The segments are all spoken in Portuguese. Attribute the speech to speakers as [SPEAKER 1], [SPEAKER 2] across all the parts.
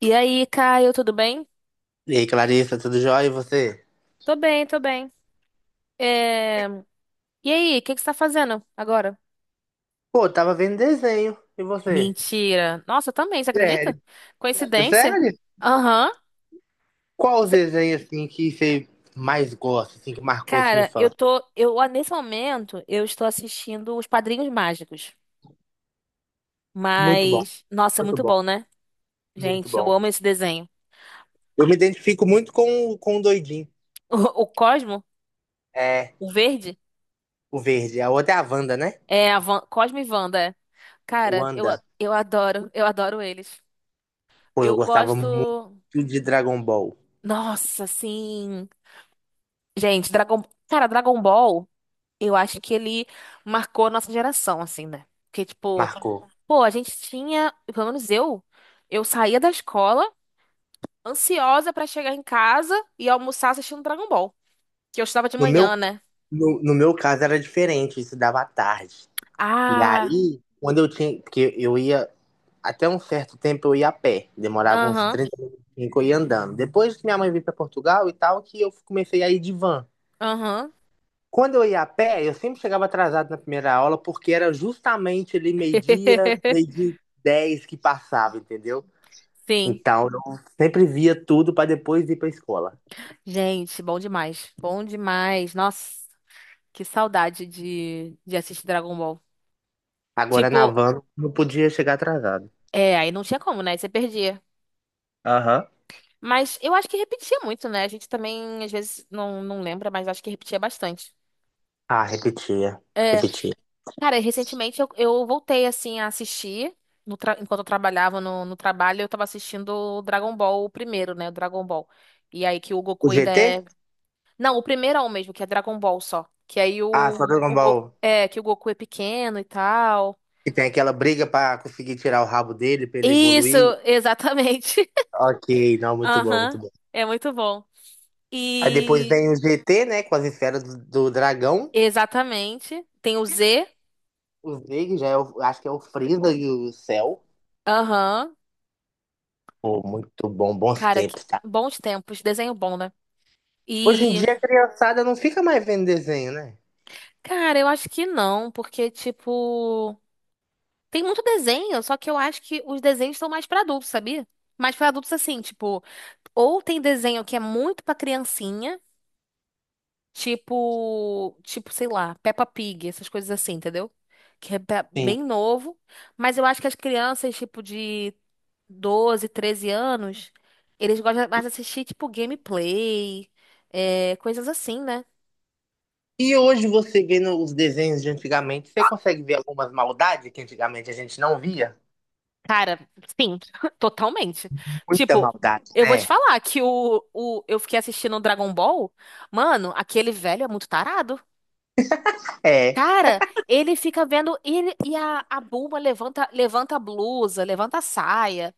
[SPEAKER 1] E aí, Caio, tudo bem?
[SPEAKER 2] E aí, Clarissa, tudo jóia? E você?
[SPEAKER 1] Tô bem, tô bem. É, E aí, o que que você tá fazendo agora?
[SPEAKER 2] Pô, tava vendo desenho. E você?
[SPEAKER 1] Mentira. Nossa, eu também, você acredita?
[SPEAKER 2] Sério?
[SPEAKER 1] Coincidência?
[SPEAKER 2] Sério?
[SPEAKER 1] Aham.
[SPEAKER 2] Qual os
[SPEAKER 1] Cê-
[SPEAKER 2] desenhos, assim, que você mais gosta, assim, que marcou sua
[SPEAKER 1] Cara, eu
[SPEAKER 2] infância?
[SPEAKER 1] tô. Eu, ah, nesse momento, eu estou assistindo Os Padrinhos Mágicos.
[SPEAKER 2] Muito bom,
[SPEAKER 1] Nossa, é
[SPEAKER 2] muito
[SPEAKER 1] muito
[SPEAKER 2] bom,
[SPEAKER 1] bom, né?
[SPEAKER 2] muito
[SPEAKER 1] Gente, eu
[SPEAKER 2] bom.
[SPEAKER 1] amo esse desenho.
[SPEAKER 2] Eu me identifico muito com, com o doidinho.
[SPEAKER 1] O Cosmo,
[SPEAKER 2] É,
[SPEAKER 1] o verde,
[SPEAKER 2] o verde. A outra é a Wanda, né?
[SPEAKER 1] Cosmo e Wanda. É.
[SPEAKER 2] O
[SPEAKER 1] Cara,
[SPEAKER 2] Wanda.
[SPEAKER 1] eu adoro eles.
[SPEAKER 2] Pô, eu
[SPEAKER 1] Eu
[SPEAKER 2] gostava muito
[SPEAKER 1] gosto.
[SPEAKER 2] de Dragon Ball.
[SPEAKER 1] Nossa, sim. Gente, Dragon... Cara, Dragon Ball, eu acho que ele marcou a nossa geração, assim, né? Porque, tipo,
[SPEAKER 2] Marcou.
[SPEAKER 1] pô, a gente tinha, pelo menos eu saía da escola ansiosa pra chegar em casa e almoçar assistindo Dragon Ball. Que eu estudava de
[SPEAKER 2] No meu,
[SPEAKER 1] manhã, né?
[SPEAKER 2] no meu caso era diferente, isso dava à tarde. E
[SPEAKER 1] Ah,
[SPEAKER 2] aí, quando eu tinha. Porque eu ia. Até um certo tempo eu ia a pé, demorava uns
[SPEAKER 1] aham,
[SPEAKER 2] 30 minutos que eu ia andando. Depois que minha mãe veio para Portugal e tal, que eu comecei a ir de van.
[SPEAKER 1] aham.
[SPEAKER 2] Quando eu ia a pé, eu sempre chegava atrasado na primeira aula, porque era justamente ali meio-dia, meio-dia e 10 que passava, entendeu?
[SPEAKER 1] Sim.
[SPEAKER 2] Então eu sempre via tudo para depois ir para escola.
[SPEAKER 1] Gente, bom demais. Bom demais. Nossa, que saudade de assistir Dragon Ball.
[SPEAKER 2] Agora na
[SPEAKER 1] Tipo,
[SPEAKER 2] van não podia chegar atrasado.
[SPEAKER 1] é, aí não tinha como, né? Você perdia.
[SPEAKER 2] Aham.
[SPEAKER 1] Mas eu acho que repetia muito, né? A gente também, às vezes, não lembra, mas acho que repetia bastante.
[SPEAKER 2] Ah, repetia,
[SPEAKER 1] É,
[SPEAKER 2] repetia.
[SPEAKER 1] cara, recentemente eu voltei, assim, a assistir. No tra- Enquanto eu trabalhava no trabalho, eu tava assistindo o Dragon Ball, o primeiro, né? O Dragon Ball. E aí que o
[SPEAKER 2] O
[SPEAKER 1] Goku ainda é...
[SPEAKER 2] GT?
[SPEAKER 1] Não, o primeiro é o mesmo, que é Dragon Ball só. Que aí
[SPEAKER 2] Ah, só Dragon
[SPEAKER 1] o Goku...
[SPEAKER 2] Ball.
[SPEAKER 1] É, que o Goku é pequeno e tal.
[SPEAKER 2] Que tem aquela briga para conseguir tirar o rabo dele, para ele
[SPEAKER 1] Isso,
[SPEAKER 2] evoluir.
[SPEAKER 1] exatamente.
[SPEAKER 2] Ok, não, muito bom, muito
[SPEAKER 1] Aham,
[SPEAKER 2] bom.
[SPEAKER 1] é muito bom.
[SPEAKER 2] Aí depois
[SPEAKER 1] E...
[SPEAKER 2] vem o GT, né, com as esferas do dragão.
[SPEAKER 1] Exatamente. Tem o Z.
[SPEAKER 2] Os negros já é o, acho que é o Frieza e o Cell.
[SPEAKER 1] Aham.
[SPEAKER 2] Pô, muito bom, bons
[SPEAKER 1] Cara, que
[SPEAKER 2] tempos, tá?
[SPEAKER 1] bons tempos, desenho bom, né?
[SPEAKER 2] Hoje em
[SPEAKER 1] E,
[SPEAKER 2] dia a criançada não fica mais vendo desenho, né?
[SPEAKER 1] cara, eu acho que não, porque, tipo, tem muito desenho, só que eu acho que os desenhos são mais pra adultos, sabia? Mais pra adultos, assim, tipo, ou tem desenho que é muito pra criancinha, tipo, sei lá, Peppa Pig, essas coisas assim, entendeu? Que é pra-
[SPEAKER 2] Sim.
[SPEAKER 1] bem novo, mas eu acho que as crianças, tipo, de 12, 13 anos, eles gostam mais de assistir, tipo, gameplay, é, coisas assim, né?
[SPEAKER 2] E hoje você vendo os desenhos de antigamente, você consegue ver algumas maldades que antigamente a gente não via?
[SPEAKER 1] Cara, sim, totalmente.
[SPEAKER 2] Muita
[SPEAKER 1] Tipo,
[SPEAKER 2] maldade,
[SPEAKER 1] eu vou te
[SPEAKER 2] né?
[SPEAKER 1] falar que eu fiquei assistindo o Dragon Ball. Mano, aquele velho é muito tarado.
[SPEAKER 2] É,
[SPEAKER 1] Cara, ele fica vendo ele e a Bulma levanta, levanta a blusa, levanta a saia.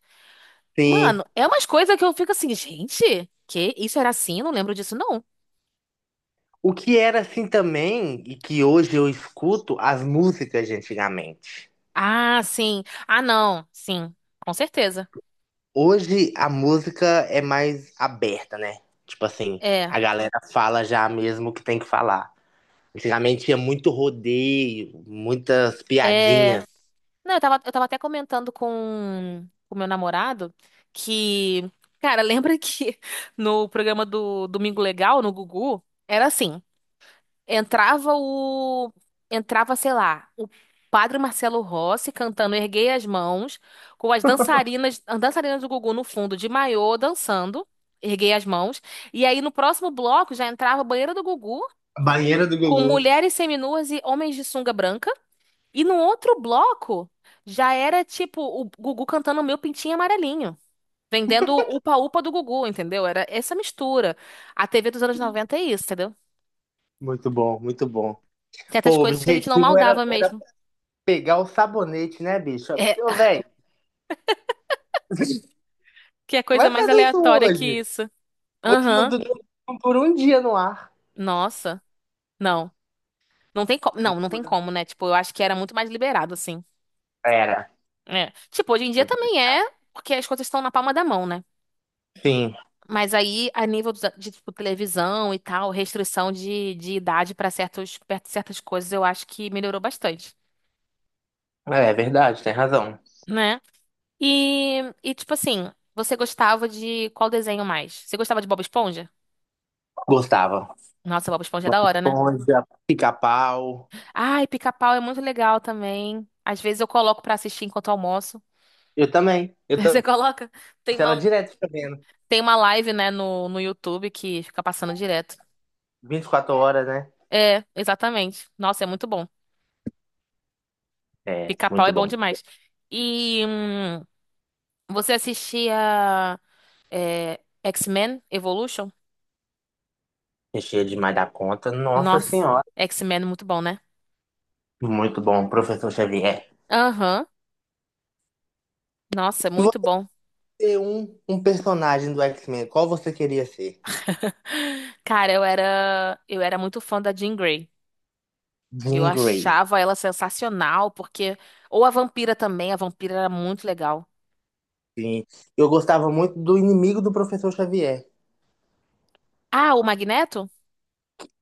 [SPEAKER 2] sim.
[SPEAKER 1] Mano, é umas coisas que eu fico assim, gente, que isso era assim? Eu não lembro disso, não.
[SPEAKER 2] O que era assim também, e que hoje eu escuto, as músicas de antigamente.
[SPEAKER 1] Ah, sim. Ah, não. Sim, com certeza.
[SPEAKER 2] Hoje a música é mais aberta, né? Tipo assim,
[SPEAKER 1] É.
[SPEAKER 2] a galera fala já mesmo o que tem que falar. Antigamente tinha muito rodeio, muitas
[SPEAKER 1] É.
[SPEAKER 2] piadinhas.
[SPEAKER 1] Não, eu tava até comentando com o meu namorado que, cara, lembra que no programa do Domingo Legal, no Gugu, era assim, entrava o, entrava, sei lá, o Padre Marcelo Rossi cantando Erguei as Mãos, com as dançarinas do Gugu no fundo, de maiô, dançando, Erguei as Mãos, e aí no próximo bloco já entrava a banheira do Gugu,
[SPEAKER 2] Banheira do
[SPEAKER 1] com
[SPEAKER 2] Gugu.
[SPEAKER 1] mulheres seminuas e homens de sunga branca, e no outro bloco, já era tipo o Gugu cantando Meu Pintinho Amarelinho. Vendendo o upa-upa do Gugu, entendeu? Era essa mistura. A TV dos anos 90 é isso, entendeu?
[SPEAKER 2] Muito bom, muito bom.
[SPEAKER 1] Tem
[SPEAKER 2] Pô,
[SPEAKER 1] essas
[SPEAKER 2] o
[SPEAKER 1] coisas que a gente não
[SPEAKER 2] objetivo era,
[SPEAKER 1] maldava
[SPEAKER 2] era
[SPEAKER 1] mesmo.
[SPEAKER 2] pegar o sabonete, né, bicho?
[SPEAKER 1] É,
[SPEAKER 2] Ô, velho,
[SPEAKER 1] que é coisa
[SPEAKER 2] vai
[SPEAKER 1] mais
[SPEAKER 2] fazer isso
[SPEAKER 1] aleatória que
[SPEAKER 2] hoje.
[SPEAKER 1] isso.
[SPEAKER 2] Hoje não,
[SPEAKER 1] Aham.
[SPEAKER 2] por um dia no ar.
[SPEAKER 1] Nossa. Não. Não tem como. Não tem como, né? Tipo, eu acho que era muito mais liberado, assim.
[SPEAKER 2] Era.
[SPEAKER 1] É. Tipo, hoje em dia também é, porque as coisas estão na palma da mão, né?
[SPEAKER 2] Sim,
[SPEAKER 1] Mas aí, de, tipo, televisão e tal, restrição de idade para certos, perto de certas coisas, eu acho que melhorou bastante,
[SPEAKER 2] é verdade, tem razão.
[SPEAKER 1] né? E tipo assim, você gostava de qual desenho mais? Você gostava de Bob Esponja?
[SPEAKER 2] Gostava.
[SPEAKER 1] Nossa, Bob Esponja é
[SPEAKER 2] Bob
[SPEAKER 1] da hora, né?
[SPEAKER 2] Esponja, pica-pau.
[SPEAKER 1] Ai, Pica-Pau é muito legal também. Às vezes eu coloco pra assistir enquanto almoço.
[SPEAKER 2] Eu também. Eu
[SPEAKER 1] Você
[SPEAKER 2] tô
[SPEAKER 1] coloca? Tem
[SPEAKER 2] ela
[SPEAKER 1] uma,
[SPEAKER 2] direto fica vendo.
[SPEAKER 1] tem uma live, né, no YouTube que fica passando direto.
[SPEAKER 2] 24 horas, né?
[SPEAKER 1] É, exatamente. Nossa, é muito bom.
[SPEAKER 2] É,
[SPEAKER 1] Pica-Pau é
[SPEAKER 2] muito bom.
[SPEAKER 1] bom demais. E. hum, Você assistia X-Men Evolution?
[SPEAKER 2] Recheio demais da conta. Nossa
[SPEAKER 1] Nossa,
[SPEAKER 2] Senhora.
[SPEAKER 1] X-Men é muito bom, né?
[SPEAKER 2] Muito bom, professor Xavier.
[SPEAKER 1] Aham. Nossa, é
[SPEAKER 2] Se
[SPEAKER 1] muito bom.
[SPEAKER 2] você é um personagem do X-Men, qual você queria ser?
[SPEAKER 1] Cara, eu era muito fã da Jean Grey. Eu
[SPEAKER 2] Jean Grey.
[SPEAKER 1] achava ela sensacional porque ou a vampira também, a vampira era muito legal.
[SPEAKER 2] Sim. Eu gostava muito do inimigo do professor Xavier.
[SPEAKER 1] Ah, o Magneto?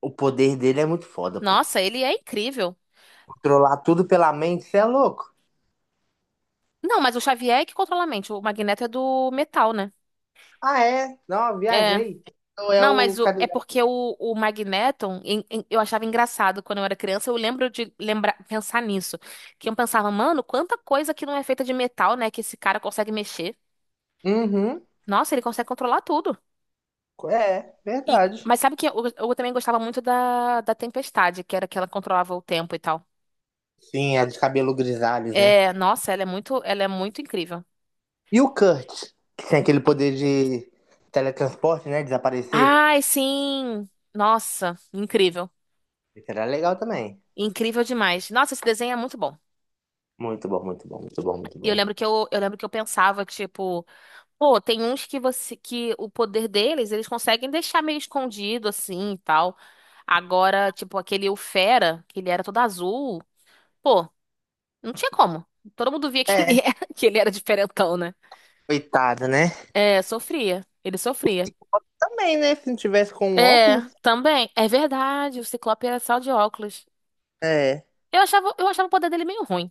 [SPEAKER 2] O poder dele é muito foda, pô.
[SPEAKER 1] Nossa, ele é incrível.
[SPEAKER 2] Controlar tudo pela mente, você é louco?
[SPEAKER 1] Não, mas o Xavier é que controla a mente. O Magneto é do metal, né?
[SPEAKER 2] Ah, é? Não,
[SPEAKER 1] É.
[SPEAKER 2] viajei. Então é
[SPEAKER 1] Não,
[SPEAKER 2] o
[SPEAKER 1] é
[SPEAKER 2] cadeirante.
[SPEAKER 1] porque o Magneton, eu achava engraçado quando eu era criança, eu lembro de lembrar, pensar nisso. Que eu pensava, mano, quanta coisa que não é feita de metal, né, que esse cara consegue mexer.
[SPEAKER 2] Uhum.
[SPEAKER 1] Nossa, ele consegue controlar tudo.
[SPEAKER 2] É,
[SPEAKER 1] E,
[SPEAKER 2] verdade.
[SPEAKER 1] mas sabe que eu também gostava muito da Tempestade, que era que ela controlava o tempo e tal.
[SPEAKER 2] Sim, é de cabelo grisalhos, né?
[SPEAKER 1] É, nossa, ela é muito incrível.
[SPEAKER 2] E o Kurt, que tem aquele poder de teletransporte, né? Desaparecer.
[SPEAKER 1] Ai, sim! Nossa, incrível.
[SPEAKER 2] Isso era legal também.
[SPEAKER 1] Incrível demais. Nossa, esse desenho é muito bom.
[SPEAKER 2] Muito bom, muito bom, muito bom, muito
[SPEAKER 1] E eu
[SPEAKER 2] bom.
[SPEAKER 1] lembro que eu lembro que eu pensava, tipo, pô, tem uns que você que o poder deles, eles conseguem deixar meio escondido assim e tal. Agora, tipo, aquele o Fera, que ele era todo azul, pô, não tinha como. Todo mundo via que ele
[SPEAKER 2] É,
[SPEAKER 1] era, que ele era diferentão, né?
[SPEAKER 2] coitado, né?
[SPEAKER 1] É, sofria. Ele sofria.
[SPEAKER 2] Também, né? Se não tivesse com um óculos.
[SPEAKER 1] É, também. É verdade, o Ciclope era só de óculos.
[SPEAKER 2] É.
[SPEAKER 1] Eu achava o poder dele meio ruim.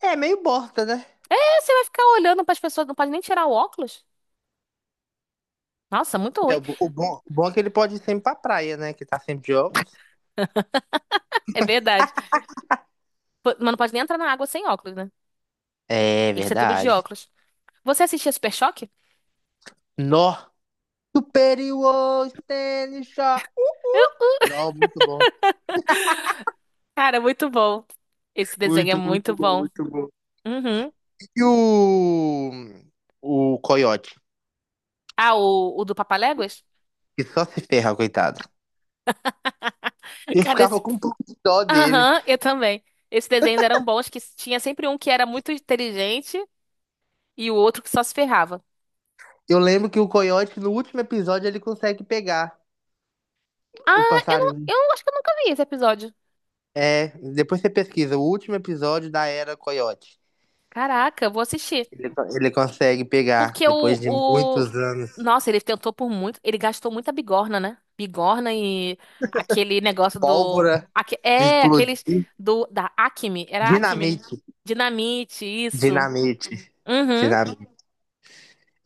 [SPEAKER 2] É meio bosta, né?
[SPEAKER 1] É, você vai ficar olhando pras pessoas, não pode nem tirar o óculos? Nossa, muito
[SPEAKER 2] É,
[SPEAKER 1] ruim.
[SPEAKER 2] o bom é que ele pode ir sempre pra praia, né? Que tá sempre de óculos.
[SPEAKER 1] É verdade. Pô, mas não pode nem entrar na água sem óculos, né?
[SPEAKER 2] É
[SPEAKER 1] Tem que ser tudo de
[SPEAKER 2] verdade.
[SPEAKER 1] óculos. Você assistia Super Choque?
[SPEAKER 2] Nó. Superior Stanley Shaw. Uhul. Nó, muito bom.
[SPEAKER 1] Cara, muito bom. Esse desenho é
[SPEAKER 2] Muito,
[SPEAKER 1] muito
[SPEAKER 2] muito bom,
[SPEAKER 1] bom.
[SPEAKER 2] muito bom.
[SPEAKER 1] Uhum.
[SPEAKER 2] E o. O Coyote,
[SPEAKER 1] Ah, o do Papaléguas?
[SPEAKER 2] que só se ferra, coitado. Eu
[SPEAKER 1] Cara,
[SPEAKER 2] ficava
[SPEAKER 1] esse...
[SPEAKER 2] com um pouco de dó dele.
[SPEAKER 1] Aham, eu também. Esses desenhos eram bons, que tinha sempre um que era muito inteligente e o outro que só se ferrava.
[SPEAKER 2] Eu lembro que o coiote, no último episódio, ele consegue pegar o
[SPEAKER 1] Ah,
[SPEAKER 2] passarinho.
[SPEAKER 1] eu acho que eu nunca vi esse episódio.
[SPEAKER 2] É, depois você pesquisa, o último episódio da Era Coiote.
[SPEAKER 1] Caraca, eu vou assistir.
[SPEAKER 2] Ele consegue pegar,
[SPEAKER 1] Porque
[SPEAKER 2] depois de muitos anos.
[SPEAKER 1] Nossa, ele tentou por muito... Ele gastou muita bigorna, né? Bigorna e aquele negócio
[SPEAKER 2] Pólvora de
[SPEAKER 1] É,
[SPEAKER 2] explodir.
[SPEAKER 1] aqueles da Acme. Era Acme.
[SPEAKER 2] Dinamite.
[SPEAKER 1] Dinamite, isso.
[SPEAKER 2] Dinamite.
[SPEAKER 1] Uhum.
[SPEAKER 2] Dinamite.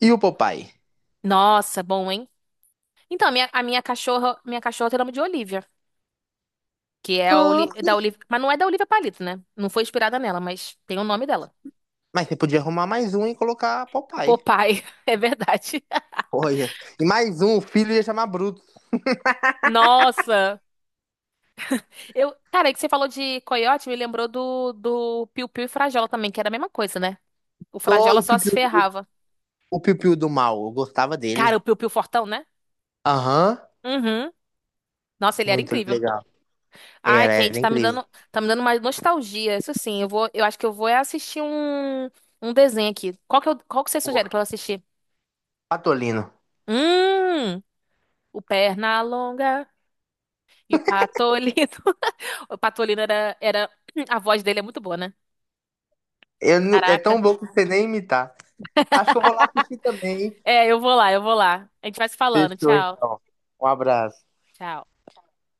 [SPEAKER 2] E o Popeye?
[SPEAKER 1] Nossa, bom, hein? Então, a minha cachorra tem o nome de Olivia, que é
[SPEAKER 2] Ah,
[SPEAKER 1] Da Olivia, mas não é da Olivia Palito, né? Não foi inspirada nela, mas tem o nome dela.
[SPEAKER 2] mas você podia arrumar mais um e colocar
[SPEAKER 1] O
[SPEAKER 2] Popeye.
[SPEAKER 1] Popeye, é verdade.
[SPEAKER 2] Olha. E mais um, o filho ia chamar Bruto.
[SPEAKER 1] Nossa! Eu, cara, é que você falou de coiote, me lembrou do Piu Piu e Frajola também, que era a mesma coisa, né? O
[SPEAKER 2] Só
[SPEAKER 1] Frajola só se ferrava.
[SPEAKER 2] o piu-piu do mal. Eu gostava
[SPEAKER 1] Cara, o
[SPEAKER 2] dele.
[SPEAKER 1] Piu Piu fortão, né?
[SPEAKER 2] Aham.
[SPEAKER 1] Uhum. Nossa, ele era
[SPEAKER 2] Muito
[SPEAKER 1] incrível.
[SPEAKER 2] legal.
[SPEAKER 1] Ai,
[SPEAKER 2] Era
[SPEAKER 1] gente,
[SPEAKER 2] incrível.
[SPEAKER 1] tá me dando mais nostalgia. Isso sim, eu acho que eu vou é assistir um desenho aqui. Qual que, eu, qual que você
[SPEAKER 2] Pô,
[SPEAKER 1] sugere pra eu assistir?
[SPEAKER 2] Patolino.
[SPEAKER 1] Hum, o Pernalonga e o Patolino. O Patolino, a voz dele é muito boa, né?
[SPEAKER 2] Eu não- é
[SPEAKER 1] Caraca.
[SPEAKER 2] tão bom que você nem imitar. Acho que eu vou lá assistir também. Hein?
[SPEAKER 1] É, eu vou lá. A gente vai se falando.
[SPEAKER 2] Fechou,
[SPEAKER 1] Tchau.
[SPEAKER 2] então. Um abraço.
[SPEAKER 1] Tchau.